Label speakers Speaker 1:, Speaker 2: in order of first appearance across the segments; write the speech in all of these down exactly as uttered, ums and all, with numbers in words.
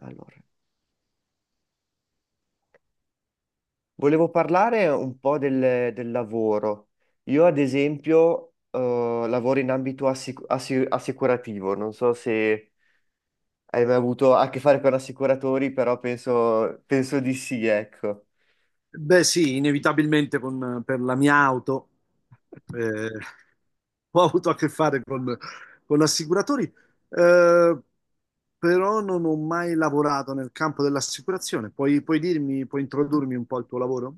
Speaker 1: Allora, volevo parlare un po' del, del lavoro. Io, ad esempio, eh, lavoro in ambito assic- assi- assicurativo. Non so se hai mai avuto a che fare con assicuratori, però penso, penso di sì, ecco.
Speaker 2: Beh, sì, inevitabilmente con- per la mia auto eh, ho avuto a che fare con, con assicuratori, eh, però non ho mai lavorato nel campo dell'assicurazione. Puoi, puoi dirmi, puoi introdurmi un po' al tuo lavoro?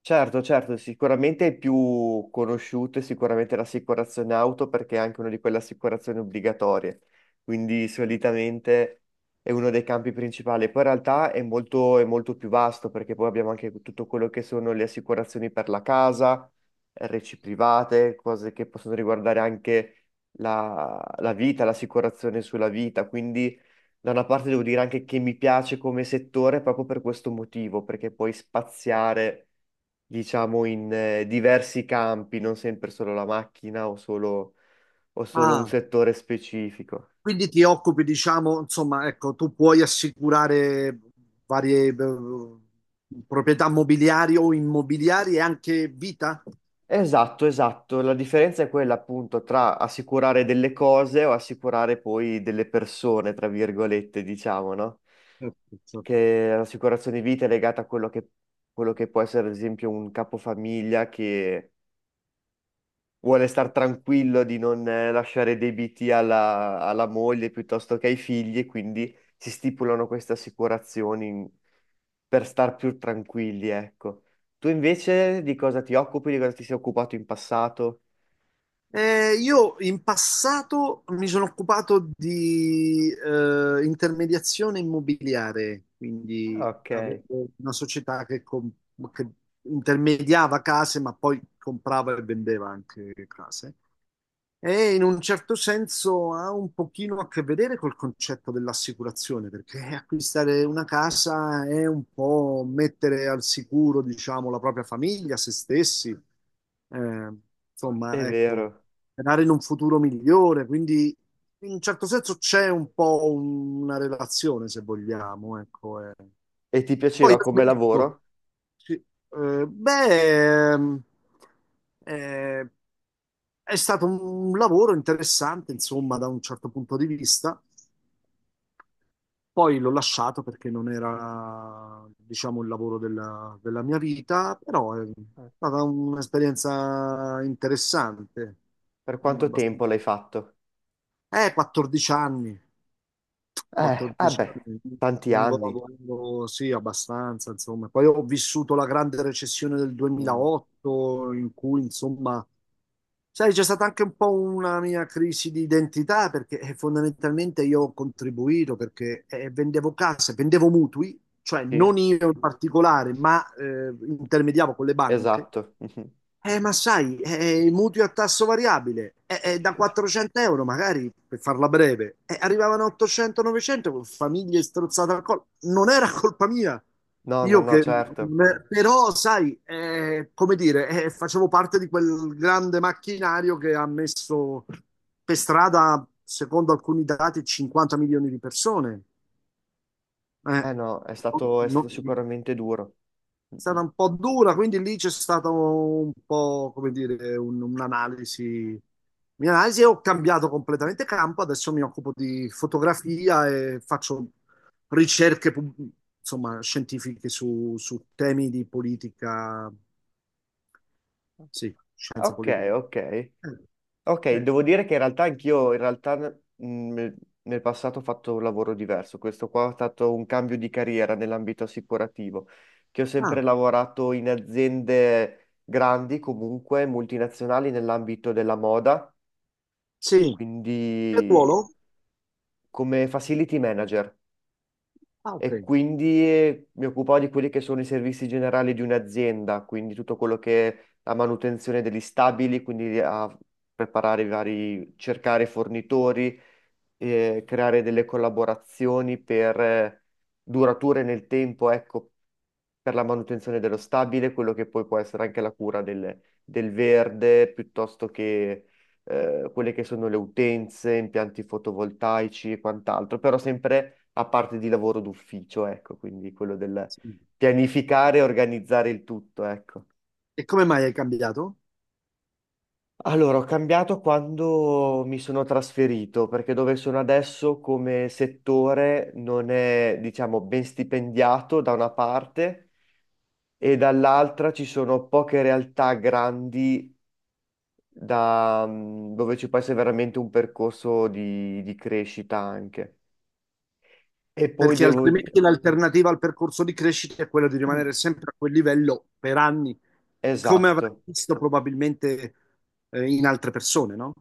Speaker 1: Certo, certo, sicuramente è più conosciuto, è sicuramente l'assicurazione auto perché è anche una di quelle assicurazioni obbligatorie, quindi solitamente è uno dei campi principali. Poi in realtà è molto, è molto più vasto perché poi abbiamo anche tutto quello che sono le assicurazioni per la casa, R C private, cose che possono riguardare anche la, la vita, l'assicurazione sulla vita, quindi... Da una parte devo dire anche che mi piace come settore proprio per questo motivo, perché puoi spaziare, diciamo, in eh, diversi campi, non sempre solo la macchina o solo, o solo un
Speaker 2: Ah,
Speaker 1: settore specifico.
Speaker 2: quindi ti occupi, diciamo, insomma, ecco, tu puoi assicurare varie eh, proprietà mobiliari o immobiliari e anche vita?
Speaker 1: Esatto, esatto. La differenza è quella appunto tra assicurare delle cose o assicurare poi delle persone, tra virgolette, diciamo, no?
Speaker 2: Ecco.
Speaker 1: Che l'assicurazione vita è legata a quello che, quello che può essere, ad esempio, un capofamiglia che vuole star tranquillo di non eh, lasciare debiti alla, alla moglie piuttosto che ai figli, e quindi si stipulano queste assicurazioni in- per star più tranquilli, ecco. Tu invece di cosa ti occupi, di cosa ti sei occupato in passato?
Speaker 2: Eh, io in passato mi sono occupato di eh, intermediazione immobiliare,
Speaker 1: Ah,
Speaker 2: quindi
Speaker 1: ok, è
Speaker 2: avevo una società che, com- che intermediava case, ma poi comprava e vendeva anche case. E in un certo senso ha un pochino a che vedere col concetto dell'assicurazione, perché acquistare una casa è un po' mettere al sicuro, diciamo, la propria famiglia, se stessi, eh, insomma, ecco,
Speaker 1: vero.
Speaker 2: sperare in un futuro migliore. Quindi, in un certo senso, c'è un po' una relazione, se vogliamo, ecco. eh.
Speaker 1: E ti
Speaker 2: Poi
Speaker 1: piaceva
Speaker 2: ho
Speaker 1: come
Speaker 2: smesso.
Speaker 1: lavoro?
Speaker 2: Sì. Eh, beh, ehm, eh, è stato un lavoro interessante, insomma, da un certo punto di vista. Poi l'ho lasciato perché non
Speaker 1: Mm,
Speaker 2: era, diciamo, il lavoro della, della mia vita, però è
Speaker 1: ok.
Speaker 2: stata un'esperienza interessante.
Speaker 1: Per
Speaker 2: Mm,
Speaker 1: quanto
Speaker 2: abbastanza.
Speaker 1: tempo l'hai fatto?
Speaker 2: Eh, quattordici anni.
Speaker 1: Eh,
Speaker 2: quattordici
Speaker 1: vabbè,
Speaker 2: anni,
Speaker 1: tanti
Speaker 2: lungo
Speaker 1: anni.
Speaker 2: lavoro, sì, abbastanza, insomma. Poi ho vissuto la grande recessione del
Speaker 1: Mm,
Speaker 2: duemilaotto, in cui, insomma, sai, c'è stata anche un po' una mia crisi di identità, perché eh, fondamentalmente io ho contribuito, perché eh, vendevo case, vendevo mutui, cioè
Speaker 1: sì,
Speaker 2: non io in particolare, ma eh, intermediavo con le banche
Speaker 1: esatto.
Speaker 2: eh, ma sai, eh, i mutui a tasso variabile, eh, eh, da quattrocento euro magari, per farla breve, eh, arrivavano a ottocento novecento con famiglie strozzate al collo. Non era colpa mia,
Speaker 1: No, no,
Speaker 2: io
Speaker 1: no,
Speaker 2: che...
Speaker 1: certo.
Speaker 2: Però, sai, eh, come dire, eh, facevo parte di quel grande macchinario che ha messo per strada, secondo alcuni dati, cinquanta milioni di persone. Eh,
Speaker 1: Eh no, è stato, è
Speaker 2: no-
Speaker 1: stato
Speaker 2: no,
Speaker 1: sicuramente duro. Mm, mm.
Speaker 2: stata un po' dura, quindi lì c'è stato un po', come dire, un- un'analisi. Un'analisi e ho cambiato completamente campo, adesso mi occupo di fotografia e faccio ricerche, pub- insomma, scientifiche su, su temi di politica, sì, scienze
Speaker 1: Ok,
Speaker 2: politiche.
Speaker 1: ok.
Speaker 2: Eh,
Speaker 1: Ok,
Speaker 2: sì.
Speaker 1: devo dire che in realtà anch'io, in realtà mm, nel nel passato ho fatto un lavoro diverso. Questo qua è stato un cambio di carriera nell'ambito assicurativo, che ho sempre
Speaker 2: Ah,
Speaker 1: lavorato in aziende grandi, comunque multinazionali nell'ambito della moda,
Speaker 2: sì, per
Speaker 1: quindi
Speaker 2: ruolo?
Speaker 1: come facility manager.
Speaker 2: Ah, ok.
Speaker 1: E quindi eh, mi occupavo di quelli che sono i servizi generali di un'azienda, quindi tutto quello che è la manutenzione degli stabili, quindi a preparare i vari, cercare fornitori, eh, creare delle collaborazioni per eh, durature nel tempo, ecco, per la manutenzione dello stabile, quello che poi può essere anche la cura del, del verde, piuttosto che eh, quelle che sono le utenze, impianti fotovoltaici e quant'altro, però sempre a parte di lavoro d'ufficio, ecco, quindi quello del
Speaker 2: Sì.
Speaker 1: pianificare e organizzare il tutto, ecco.
Speaker 2: E come mai hai cambiato?
Speaker 1: Allora, ho cambiato quando mi sono trasferito, perché dove sono adesso come settore non è, diciamo, ben stipendiato da una parte, e dall'altra ci sono poche realtà grandi da, mm, dove ci può essere veramente un percorso di, di crescita anche. E poi
Speaker 2: Perché
Speaker 1: devo dire...
Speaker 2: altrimenti l'alternativa al percorso di crescita è quella di rimanere sempre a quel livello per anni, come avrai
Speaker 1: Esatto.
Speaker 2: visto probabilmente eh, in altre persone, no?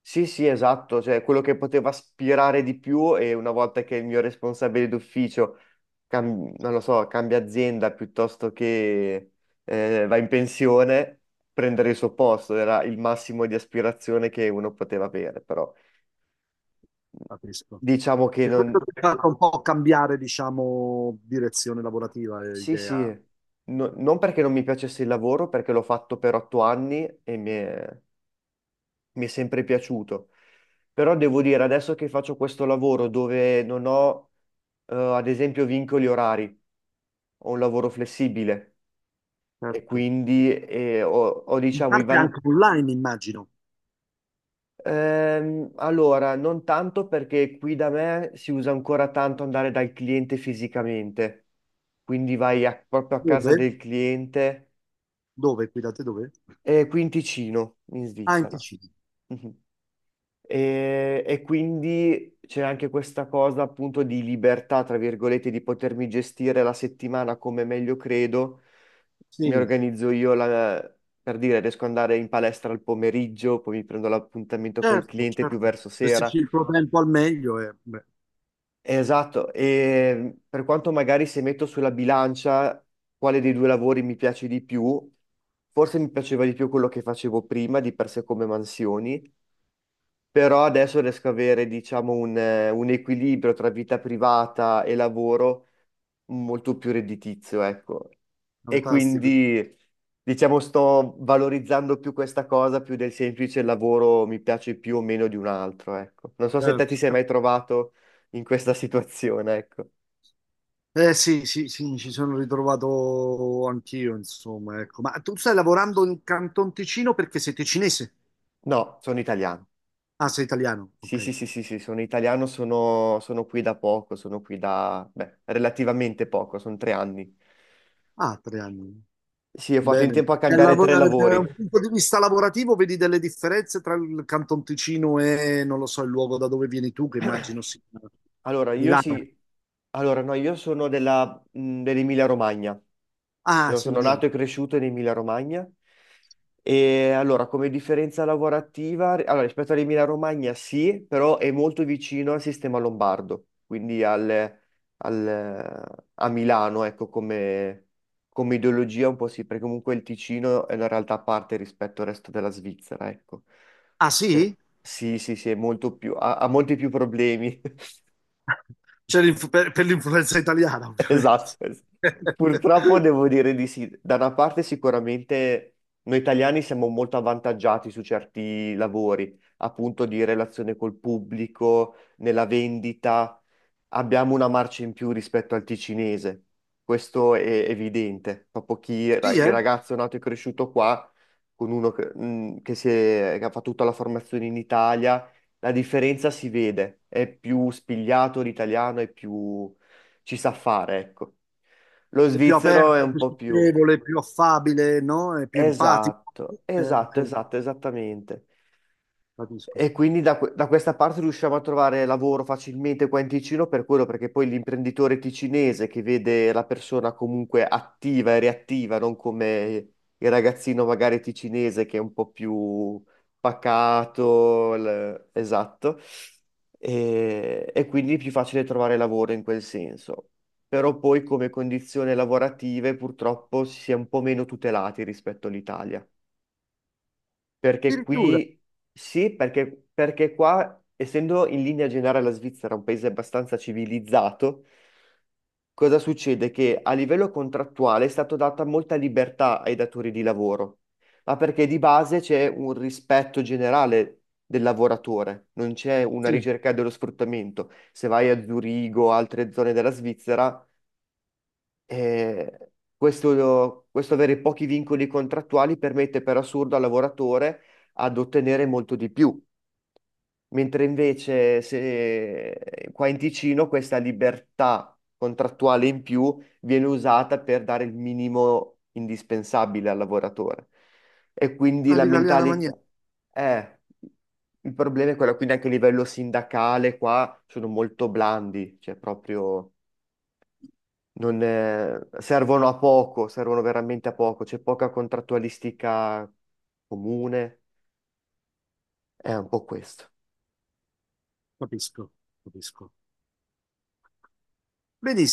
Speaker 1: Sì, sì, esatto. Cioè, quello che poteva aspirare di più: e una volta che il mio responsabile d'ufficio cam- non lo so, cambia azienda piuttosto che eh, va in pensione, prendere il suo posto era il massimo di aspirazione che uno poteva avere, però mhmm,
Speaker 2: Capisco.
Speaker 1: diciamo che
Speaker 2: E
Speaker 1: non.
Speaker 2: questo ti fa un po' cambiare, diciamo, direzione lavorativa e
Speaker 1: Sì,
Speaker 2: idea.
Speaker 1: sì. No- non perché non mi piacesse il lavoro, perché l'ho fatto per otto anni e mi è, mi è sempre piaciuto. Però devo dire, adesso che faccio questo lavoro dove non ho, eh, ad esempio, vincoli orari, ho un lavoro flessibile, e
Speaker 2: Certo.
Speaker 1: quindi eh, ho, ho,
Speaker 2: In
Speaker 1: diciamo, i
Speaker 2: parte anche
Speaker 1: van-
Speaker 2: online, immagino.
Speaker 1: Ehm, allora, non tanto, perché qui da me si usa ancora tanto andare dal cliente fisicamente, quindi vai a- proprio a casa
Speaker 2: Dove?
Speaker 1: del cliente,
Speaker 2: Dove? Qui da te dove?
Speaker 1: e qui in Ticino, in
Speaker 2: Anche
Speaker 1: Svizzera.
Speaker 2: C D.
Speaker 1: Mhm. E, e quindi c'è anche questa cosa appunto di libertà, tra virgolette, di potermi gestire la settimana come meglio credo. Mi
Speaker 2: Sì,
Speaker 1: organizzo io la- per dire, riesco ad andare in palestra al pomeriggio, poi mi prendo l'appuntamento col
Speaker 2: certo,
Speaker 1: cliente più
Speaker 2: certo.
Speaker 1: verso sera.
Speaker 2: Gestisci il tuo tempo al meglio è beh,
Speaker 1: Esatto, e per quanto magari, se metto sulla bilancia quale dei due lavori mi piace di più, forse mi piaceva di più quello che facevo prima, di per sé come mansioni, però adesso riesco a avere, diciamo, un, eh, un equilibrio tra vita privata e lavoro molto più redditizio, ecco. E
Speaker 2: fantastico.
Speaker 1: quindi, diciamo, sto valorizzando più questa cosa, più del semplice lavoro mi piace più o meno di un altro, ecco. Non so se te ti
Speaker 2: Certo.
Speaker 1: sei mai trovato in questa situazione, ecco.
Speaker 2: Eh sì, sì, sì, mi ci sono ritrovato anch'io, insomma, ecco. Ma tu stai lavorando in Canton Ticino perché sei ticinese?
Speaker 1: No, sono italiano.
Speaker 2: Ah, sei italiano,
Speaker 1: Sì,
Speaker 2: ok.
Speaker 1: sì, sì, sì, sì, sono italiano, sono, sono, qui da poco, sono qui da, beh, relativamente poco, sono tre anni.
Speaker 2: Ah, tre anni.
Speaker 1: Sì, ho fatto in
Speaker 2: Bene.
Speaker 1: tempo a
Speaker 2: Dal
Speaker 1: cambiare tre lavori.
Speaker 2: un punto di vista lavorativo vedi delle differenze tra il Canton Ticino e, non lo so, il luogo da dove vieni tu, che immagino sia
Speaker 1: Allora, io
Speaker 2: Milano.
Speaker 1: sì, allora no, io sono della, mh, dell'Emilia Romagna,
Speaker 2: Ah,
Speaker 1: io
Speaker 2: sei
Speaker 1: sono
Speaker 2: Milano.
Speaker 1: nato e cresciuto in Emilia Romagna. E allora, come differenza lavorativa, allora rispetto all'Emilia Romagna sì, però è molto vicino al sistema lombardo, quindi al, al- a Milano, ecco, come, come ideologia un po' sì, perché comunque il Ticino è una realtà a parte rispetto al resto della Svizzera, ecco.
Speaker 2: Ah
Speaker 1: Eh,
Speaker 2: sì?
Speaker 1: sì, sì, sì, è molto più, ha ha molti più problemi.
Speaker 2: C'è l'inf- per per l'influenza italiana, ovviamente.
Speaker 1: Esatto, es- purtroppo devo dire di sì. Da una parte sicuramente noi italiani siamo molto avvantaggiati su certi lavori, appunto di relazione col pubblico, nella vendita, abbiamo una marcia in più rispetto al ticinese. Questo è evidente. Proprio chi ra-
Speaker 2: Sì,
Speaker 1: il
Speaker 2: eh?
Speaker 1: ragazzo nato e cresciuto qua, con uno che, mh, che si è- che ha fatto tutta la formazione in Italia, la differenza si vede. È più spigliato l'italiano, è più... ci sa fare, ecco. Lo
Speaker 2: È più
Speaker 1: svizzero è
Speaker 2: aperto, è
Speaker 1: un
Speaker 2: più
Speaker 1: po' più...
Speaker 2: socievole, è più affabile, no? È più empatico.
Speaker 1: Esatto,
Speaker 2: Eh,
Speaker 1: esatto,
Speaker 2: ok,
Speaker 1: esatto, esattamente.
Speaker 2: capisco.
Speaker 1: E quindi da, que- da questa parte riusciamo a trovare lavoro facilmente qua in Ticino per quello, perché poi l'imprenditore ticinese che vede la persona comunque attiva e reattiva, non come il ragazzino magari ticinese che è un po' più pacato, l- esatto, e, e quindi è più facile trovare lavoro in quel senso. Però poi come condizioni lavorative purtroppo si è un po' meno tutelati rispetto all'Italia. Perché
Speaker 2: Addirittura,
Speaker 1: qui sì, perché, perché qua, essendo in linea generale la Svizzera un paese abbastanza civilizzato, cosa succede? Che a livello contrattuale è stata data molta libertà ai datori di lavoro, ma perché di base c'è un rispetto generale del lavoratore, non c'è una
Speaker 2: sì,
Speaker 1: ricerca dello sfruttamento. Se vai a Zurigo o altre zone della Svizzera, eh, questo, questo, avere pochi vincoli contrattuali permette per assurdo al lavoratore ad ottenere molto di più, mentre invece se qua in Ticino questa libertà contrattuale in più viene usata per dare il minimo indispensabile al lavoratore. E quindi la
Speaker 2: all'italiana maniera,
Speaker 1: mentalità è... Il problema è quello, quindi anche a livello sindacale qua sono molto blandi, cioè proprio non, eh, servono a poco, servono veramente a poco, c'è poca contrattualistica comune, è un po' questo.
Speaker 2: capisco, capisco. Vedi,